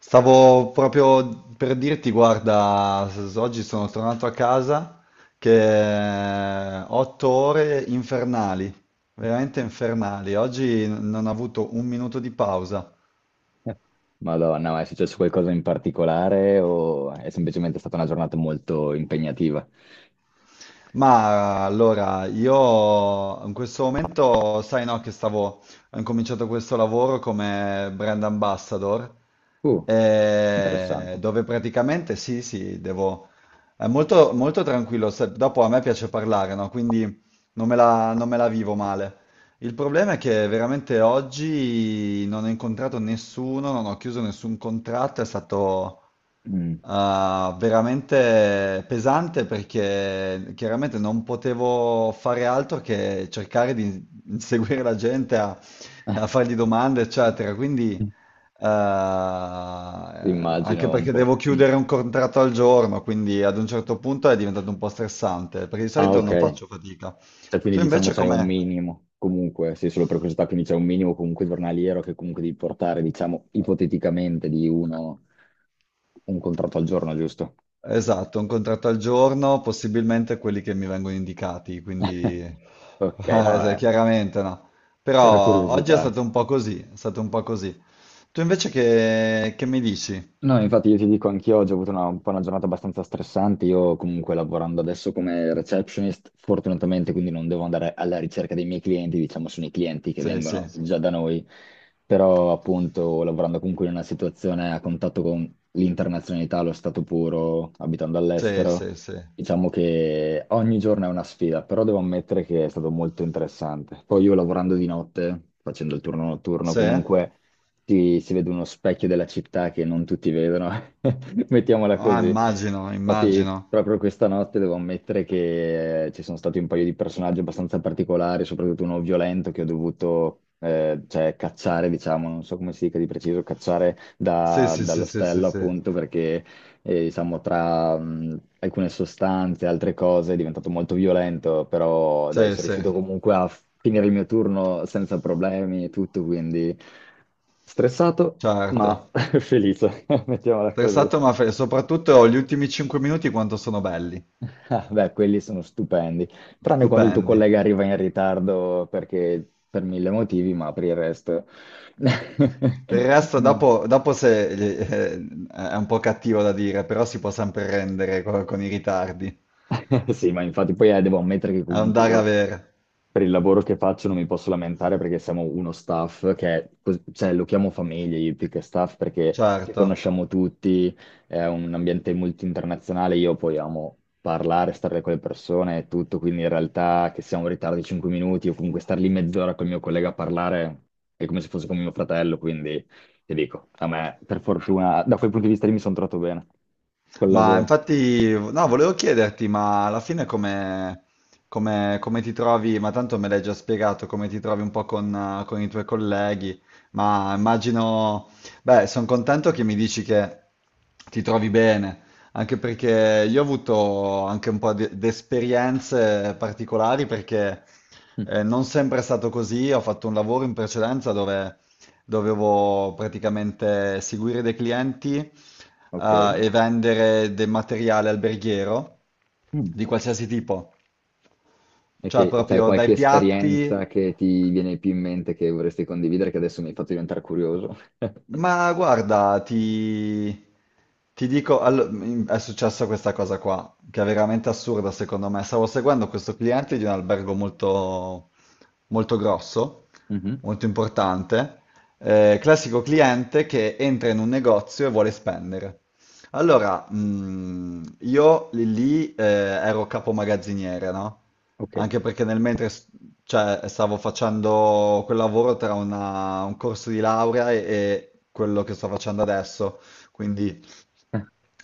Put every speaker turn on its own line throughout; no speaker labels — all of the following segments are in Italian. Stavo proprio per dirti, guarda, oggi sono tornato a casa che otto ore infernali, veramente infernali. Oggi non ho avuto un minuto di pausa.
Madonna, ma è successo qualcosa in particolare o è semplicemente stata una giornata molto impegnativa?
Ma allora, io in questo momento, sai no, che ho incominciato questo lavoro come brand ambassador,
Uh, interessante.
dove praticamente sì, sì, devo... È molto, molto tranquillo, dopo a me piace parlare, no? Quindi non me la vivo male. Il problema è che veramente oggi non ho incontrato nessuno, non ho chiuso nessun contratto, è stato...
Mm.
Ah, veramente pesante perché chiaramente non potevo fare altro che cercare di inseguire la gente
Eh,
a fargli domande, eccetera. Quindi, anche
immagino un
perché devo
po'. Mm.
chiudere un contratto al giorno, quindi ad un certo punto è diventato un po' stressante, perché di
Ah,
solito
ok.
non faccio fatica.
Cioè, quindi
Tu
diciamo
invece
c'è un
come?
minimo, comunque, sì, solo per curiosità, quindi c'è un minimo comunque giornaliero che comunque devi portare, diciamo, ipoteticamente di uno un contratto al giorno, giusto?
Esatto, un contratto al giorno, possibilmente quelli che mi vengono indicati, quindi
Ok, no,
chiaramente no.
era
Però oggi è
curiosità.
stato un po' così, è stato un po' così. Tu invece che mi dici?
No, infatti io ti dico, anch'io oggi ho avuto una, un po' una giornata abbastanza stressante, io comunque lavorando adesso come receptionist, fortunatamente quindi non devo andare alla ricerca dei miei clienti, diciamo sono i clienti che
Sì, sì,
vengono già da noi, però appunto lavorando comunque in una situazione a contatto con l'internazionalità, lo stato puro, abitando
sì,
all'estero,
sì, sì.
diciamo che ogni giorno è una sfida, però devo ammettere che è stato molto interessante. Poi io lavorando di notte, facendo il turno notturno
Sì?
comunque si, si vede uno specchio della città che non tutti vedono, mettiamola
Ah,
così.
immagino,
Infatti,
immagino.
proprio questa notte devo ammettere che ci sono stati un paio di personaggi abbastanza particolari, soprattutto uno violento che ho dovuto cioè, cacciare, diciamo, non so come si dica di preciso, cacciare
Sì, sì, sì, sì, sì,
dall'ostello
sì.
appunto perché e, diciamo, tra alcune sostanze e altre cose è diventato molto violento, però dai,
Sì,
sono
sì,
riuscito comunque a finire il mio turno senza problemi e tutto, quindi stressato ma
certo.
felice, mettiamola così.
Stressato ma soprattutto gli ultimi 5 minuti quanto sono belli,
Ah, beh, quelli sono stupendi, tranne quando il tuo
stupendi.
collega arriva in ritardo perché per mille motivi, ma per il resto...
Per il resto,
no,
dopo se, è un po' cattivo da dire, però si può sempre rendere con, i ritardi.
sì, ma infatti poi devo ammettere che comunque
Andare a
io
vera,
per il lavoro che faccio non mi posso lamentare perché siamo uno staff che è, cioè, lo chiamo famiglia io più che staff perché ci
certo.
conosciamo tutti, è un ambiente molto internazionale, io poi amo parlare, stare con le persone e tutto, quindi in realtà che siamo in ritardo di 5 minuti o comunque star lì mezz'ora col mio collega a parlare è come se fosse con mio fratello, quindi ti dico, a me per fortuna da quel punto di vista lì mi sono trovato bene col
Ma
lavoro.
infatti, no, volevo chiederti, ma alla fine come ti trovi? Ma tanto me l'hai già spiegato, come ti trovi un po' con i tuoi colleghi, ma immagino, beh, sono contento che mi dici che ti trovi bene, anche perché io ho avuto anche un po' di esperienze particolari perché
Mm.
non sempre è stato così, ho fatto un lavoro in precedenza dove dovevo praticamente seguire dei clienti
Ok.
e vendere del materiale alberghiero
Mm.
di qualsiasi tipo,
E
cioè
che c'hai
proprio
qualche
dai piatti.
esperienza che ti viene più in mente che vorresti condividere, che adesso mi hai fatto diventare curioso.
Ma guarda, ti dico, è successa questa cosa qua, che è veramente assurda secondo me. Stavo seguendo questo cliente di un albergo molto, molto grosso,
Mhm.
molto importante, classico cliente che entra in un negozio e vuole spendere. Allora, io lì, ero capo magazziniere, no?
Ok.
Anche perché nel mentre cioè stavo facendo quel lavoro tra un corso di laurea e quello che sto facendo adesso, quindi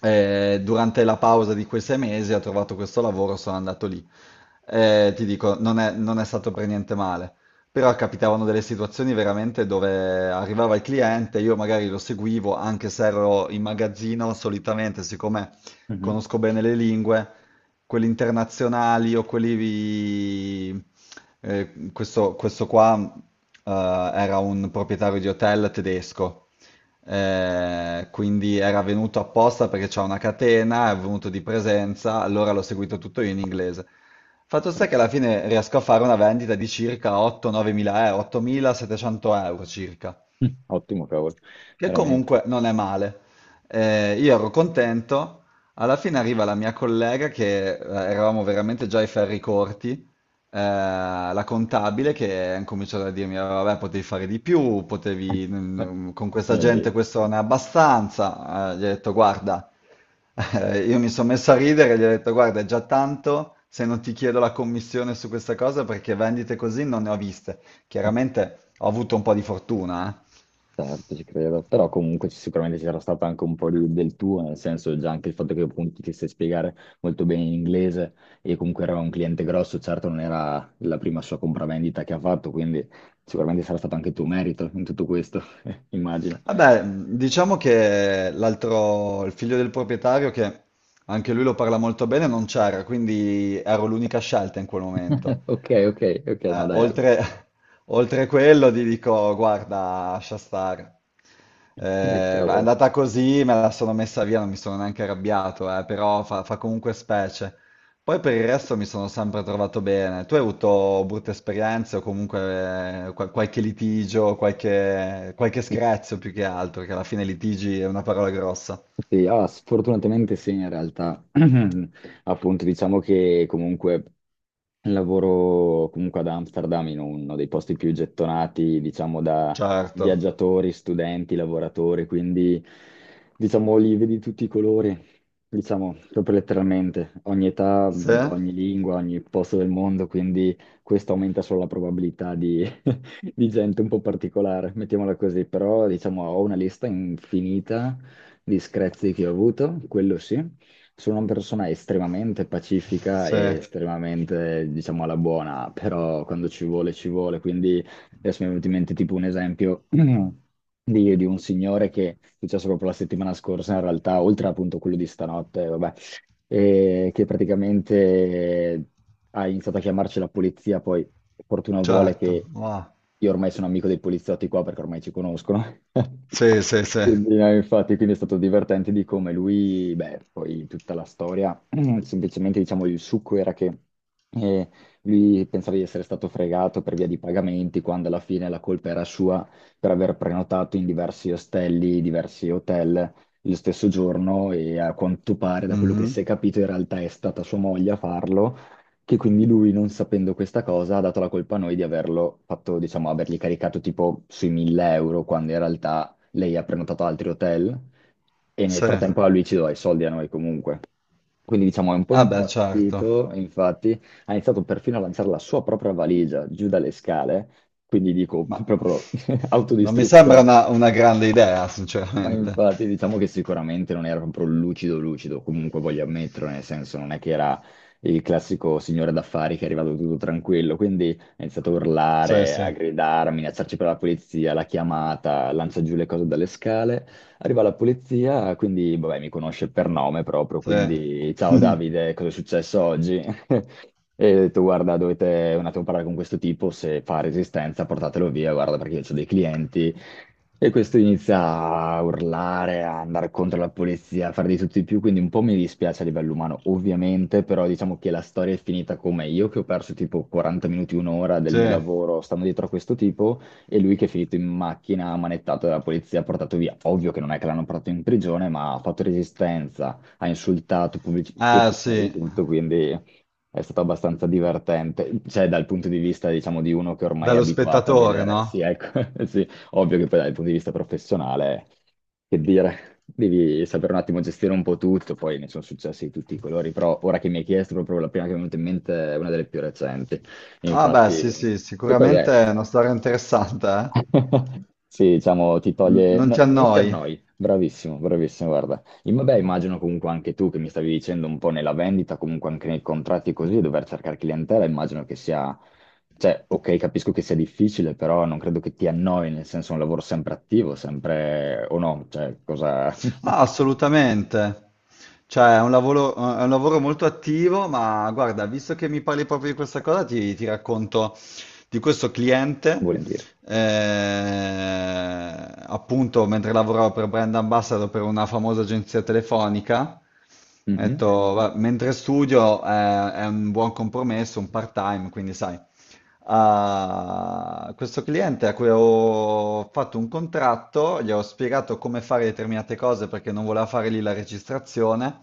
durante la pausa di quei sei mesi ho trovato questo lavoro, sono andato lì. Ti dico, non è stato per niente male, però capitavano delle situazioni veramente dove arrivava il cliente, io magari lo seguivo anche se ero in magazzino, solitamente, siccome
Mhm.
conosco bene le lingue, quelli internazionali o quelli... questo, questo qua, eh, era un proprietario di hotel tedesco, quindi era venuto apposta perché c'è una catena, è venuto di presenza, allora l'ho seguito tutto io in inglese. Fatto sta che alla fine riesco a fare una vendita di circa 8-9 mila euro, 8.700 euro circa,
Ottimo, cavolo,
che
veramente.
comunque non è male. Io ero contento, alla fine arriva la mia collega che eravamo veramente già ai ferri corti, la contabile che ha cominciato a dirmi, "Ah, vabbè, potevi fare di più, con questa
Mio
gente
Dio.
questo non è abbastanza. Gli ho detto, guarda, io mi sono messo a ridere, gli ho detto, guarda, è già tanto se non ti chiedo la commissione su questa cosa perché vendite così non ne ho viste. Chiaramente ho avuto un po' di fortuna, eh.
Certo, ci credo, però comunque sicuramente ci sarà stato anche un po' del tuo, nel senso già anche il fatto che appunto ti sai spiegare molto bene in inglese e comunque era un cliente grosso, certo non era la prima sua compravendita che ha fatto, quindi sicuramente sarà stato anche il tuo merito in tutto questo, immagino.
Vabbè, diciamo che l'altro, il figlio del proprietario, che anche lui lo parla molto bene, non c'era, quindi ero l'unica scelta in quel momento.
Ok, ok, ok, no,
Eh,
dai.
oltre, oltre quello ti dico, guarda, lascia stare. È
Cavolo.
andata così, me la sono messa via, non mi sono neanche arrabbiato, però fa comunque specie. Poi per il resto mi sono sempre trovato bene. Tu hai avuto brutte esperienze o comunque qualche litigio, qualche screzio più che altro, che alla fine litigi è una parola grossa.
Sì, ah, sfortunatamente sì, in realtà, appunto, diciamo che comunque lavoro comunque ad Amsterdam in uno dei posti più gettonati, diciamo, da
Certo.
viaggiatori, studenti, lavoratori, quindi diciamo li vedi tutti i colori, diciamo, proprio letteralmente, ogni età,
Sì?
ogni lingua, ogni posto del mondo, quindi questo aumenta solo la probabilità di, di gente un po' particolare, mettiamola così, però diciamo ho una lista infinita di screzi che ho avuto, quello sì. Sono una persona estremamente pacifica
Sì,
e estremamente, diciamo, alla buona, però quando ci vuole, ci vuole. Quindi adesso mi è venuto in mente tipo un esempio di un signore che è successo proprio la settimana scorsa, in realtà, oltre appunto a quello di stanotte, vabbè, e che praticamente ha iniziato a chiamarci la polizia, poi fortuna vuole
certo.
che
Wow.
io ormai sono amico dei poliziotti qua perché ormai ci conoscono.
Sì, sì, sì.
Quindi, no, infatti, quindi è stato divertente di come lui, beh, poi tutta la storia, semplicemente diciamo il succo era che eh, lui pensava di essere stato fregato per via di pagamenti, quando alla fine la colpa era sua per aver prenotato in diversi ostelli, diversi hotel lo stesso giorno e a quanto pare, da quello che si è
Mhm.
capito, in realtà è stata sua moglie a farlo, che quindi lui, non sapendo questa cosa, ha dato la colpa a noi di averlo fatto, diciamo, avergli caricato tipo sui 1000 euro, quando in realtà lei ha prenotato altri hotel e nel
Sì.
frattempo a lui ci doveva i soldi a noi comunque. Quindi diciamo è un po'
Ah beh, certo,
impazzito, infatti ha iniziato perfino a lanciare la sua propria valigia giù dalle scale, quindi dico
ma
proprio
non mi sembra
autodistruzione.
una grande idea,
Ma
sinceramente.
infatti diciamo che sicuramente non era proprio lucido lucido, comunque voglio ammetterlo, nel senso non è che era il classico signore d'affari che è arrivato tutto tranquillo, quindi ha iniziato a
Sì,
urlare,
sì,
a gridare, a minacciarci per la polizia, la chiamata, lancia giù le cose dalle scale, arriva la polizia, quindi vabbè mi conosce per nome proprio,
sì.
quindi ciao Davide, cosa è successo oggi? E ho detto, guarda, dovete un attimo parlare con questo tipo, se fa resistenza portatelo via, guarda, perché io ho dei clienti, e questo inizia a urlare, a andare contro la polizia, a fare di tutto di più, quindi un po' mi dispiace a livello umano, ovviamente, però diciamo che la storia è finita come io che ho perso tipo 40 minuti, un'ora del mio
Sì.
lavoro stando dietro a questo tipo e lui che è finito in macchina, manettato dalla polizia, portato via. Ovvio che non è che l'hanno portato in prigione, ma ha fatto resistenza, ha insultato pubblici
Ah
ufficiali e
sì,
tutto, quindi... È stato abbastanza divertente, cioè dal punto di vista, diciamo, di uno che ormai è
dallo
abituato a
spettatore,
vedere, sì,
no?
ecco, sì, ovvio che poi dal punto di vista professionale, che dire, devi saper un attimo gestire un po' tutto, poi ne sono successi di tutti i colori, però ora che mi hai chiesto proprio la prima che mi è venuta in mente è una delle più recenti.
Ah beh,
Infatti,
sì, sì,
e poi
sicuramente
è
è una storia interessante, eh?
sì, diciamo, ti toglie...
Non ti
non ti
annoi?
annoi. Bravissimo, bravissimo, guarda. Vabbè, immagino comunque anche tu che mi stavi dicendo un po' nella vendita, comunque anche nei contratti così, dover cercare clientela, immagino che sia... Cioè, ok, capisco che sia difficile, però non credo che ti annoi, nel senso è un lavoro sempre attivo, sempre... o no, cioè, cosa
Ah, assolutamente. Cioè, è un lavoro molto attivo, ma guarda, visto che mi parli proprio di questa cosa, ti racconto di questo cliente.
vuol dire?
Eh, appunto, mentre lavoravo per brand ambassador per una famosa agenzia telefonica, ho
Mhm.
detto, mentre studio, è un buon compromesso, un part-time, quindi sai, a questo cliente a cui ho fatto un contratto, gli ho spiegato come fare determinate cose perché non voleva fare lì la registrazione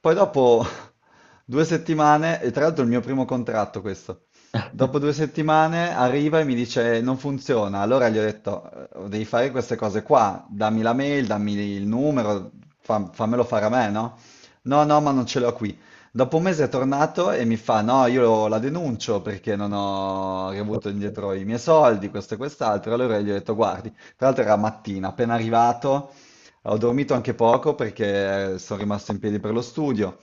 poi dopo due settimane, e tra l'altro è il mio primo contratto questo, dopo due settimane arriva e mi dice non funziona, allora gli ho detto devi fare queste cose qua, dammi la mail, dammi il numero, fammelo fare a me, no? No, no, ma non ce l'ho qui. Dopo un mese è tornato e mi fa no, io la denuncio perché non ho
Ok.
riavuto indietro i miei soldi, questo e quest'altro, allora gli ho detto guardi, tra l'altro era mattina, appena arrivato. Ho dormito anche poco perché sono rimasto in piedi per lo studio.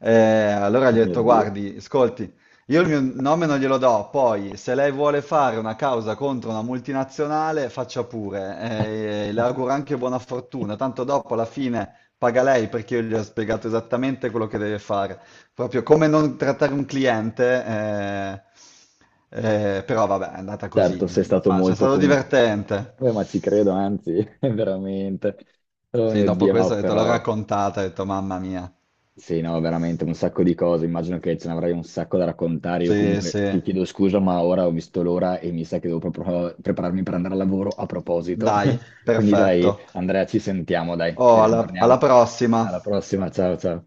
Allora gli ho
Mio
detto,
Dio.
guardi, ascolti, io il mio nome non glielo do, poi se lei vuole fare una causa contro una multinazionale, faccia pure. Le auguro anche buona fortuna, tanto dopo alla fine paga lei perché io gli ho spiegato esattamente quello che deve fare. Proprio come non trattare un cliente, però vabbè, è andata
Certo,
così.
sei stato
Ma c'è
molto
stato
comunque.
divertente.
Beh, ma ci credo, anzi, veramente. Oh
Sì,
mio
dopo
Dio,
questo
no,
ho detto, l'ho
però
raccontata, ho detto, mamma mia.
sì, no, veramente un sacco di cose. Immagino che ce ne avrai un sacco da raccontare. Io
Sì,
comunque
sì.
ti chiedo scusa, ma ora ho visto l'ora e mi sa che devo proprio prepararmi per andare al lavoro a proposito.
Dai,
Quindi dai,
perfetto.
Andrea, ci sentiamo, dai, ci
Oh, alla
riaggiorniamo.
prossima.
Alla prossima, ciao ciao.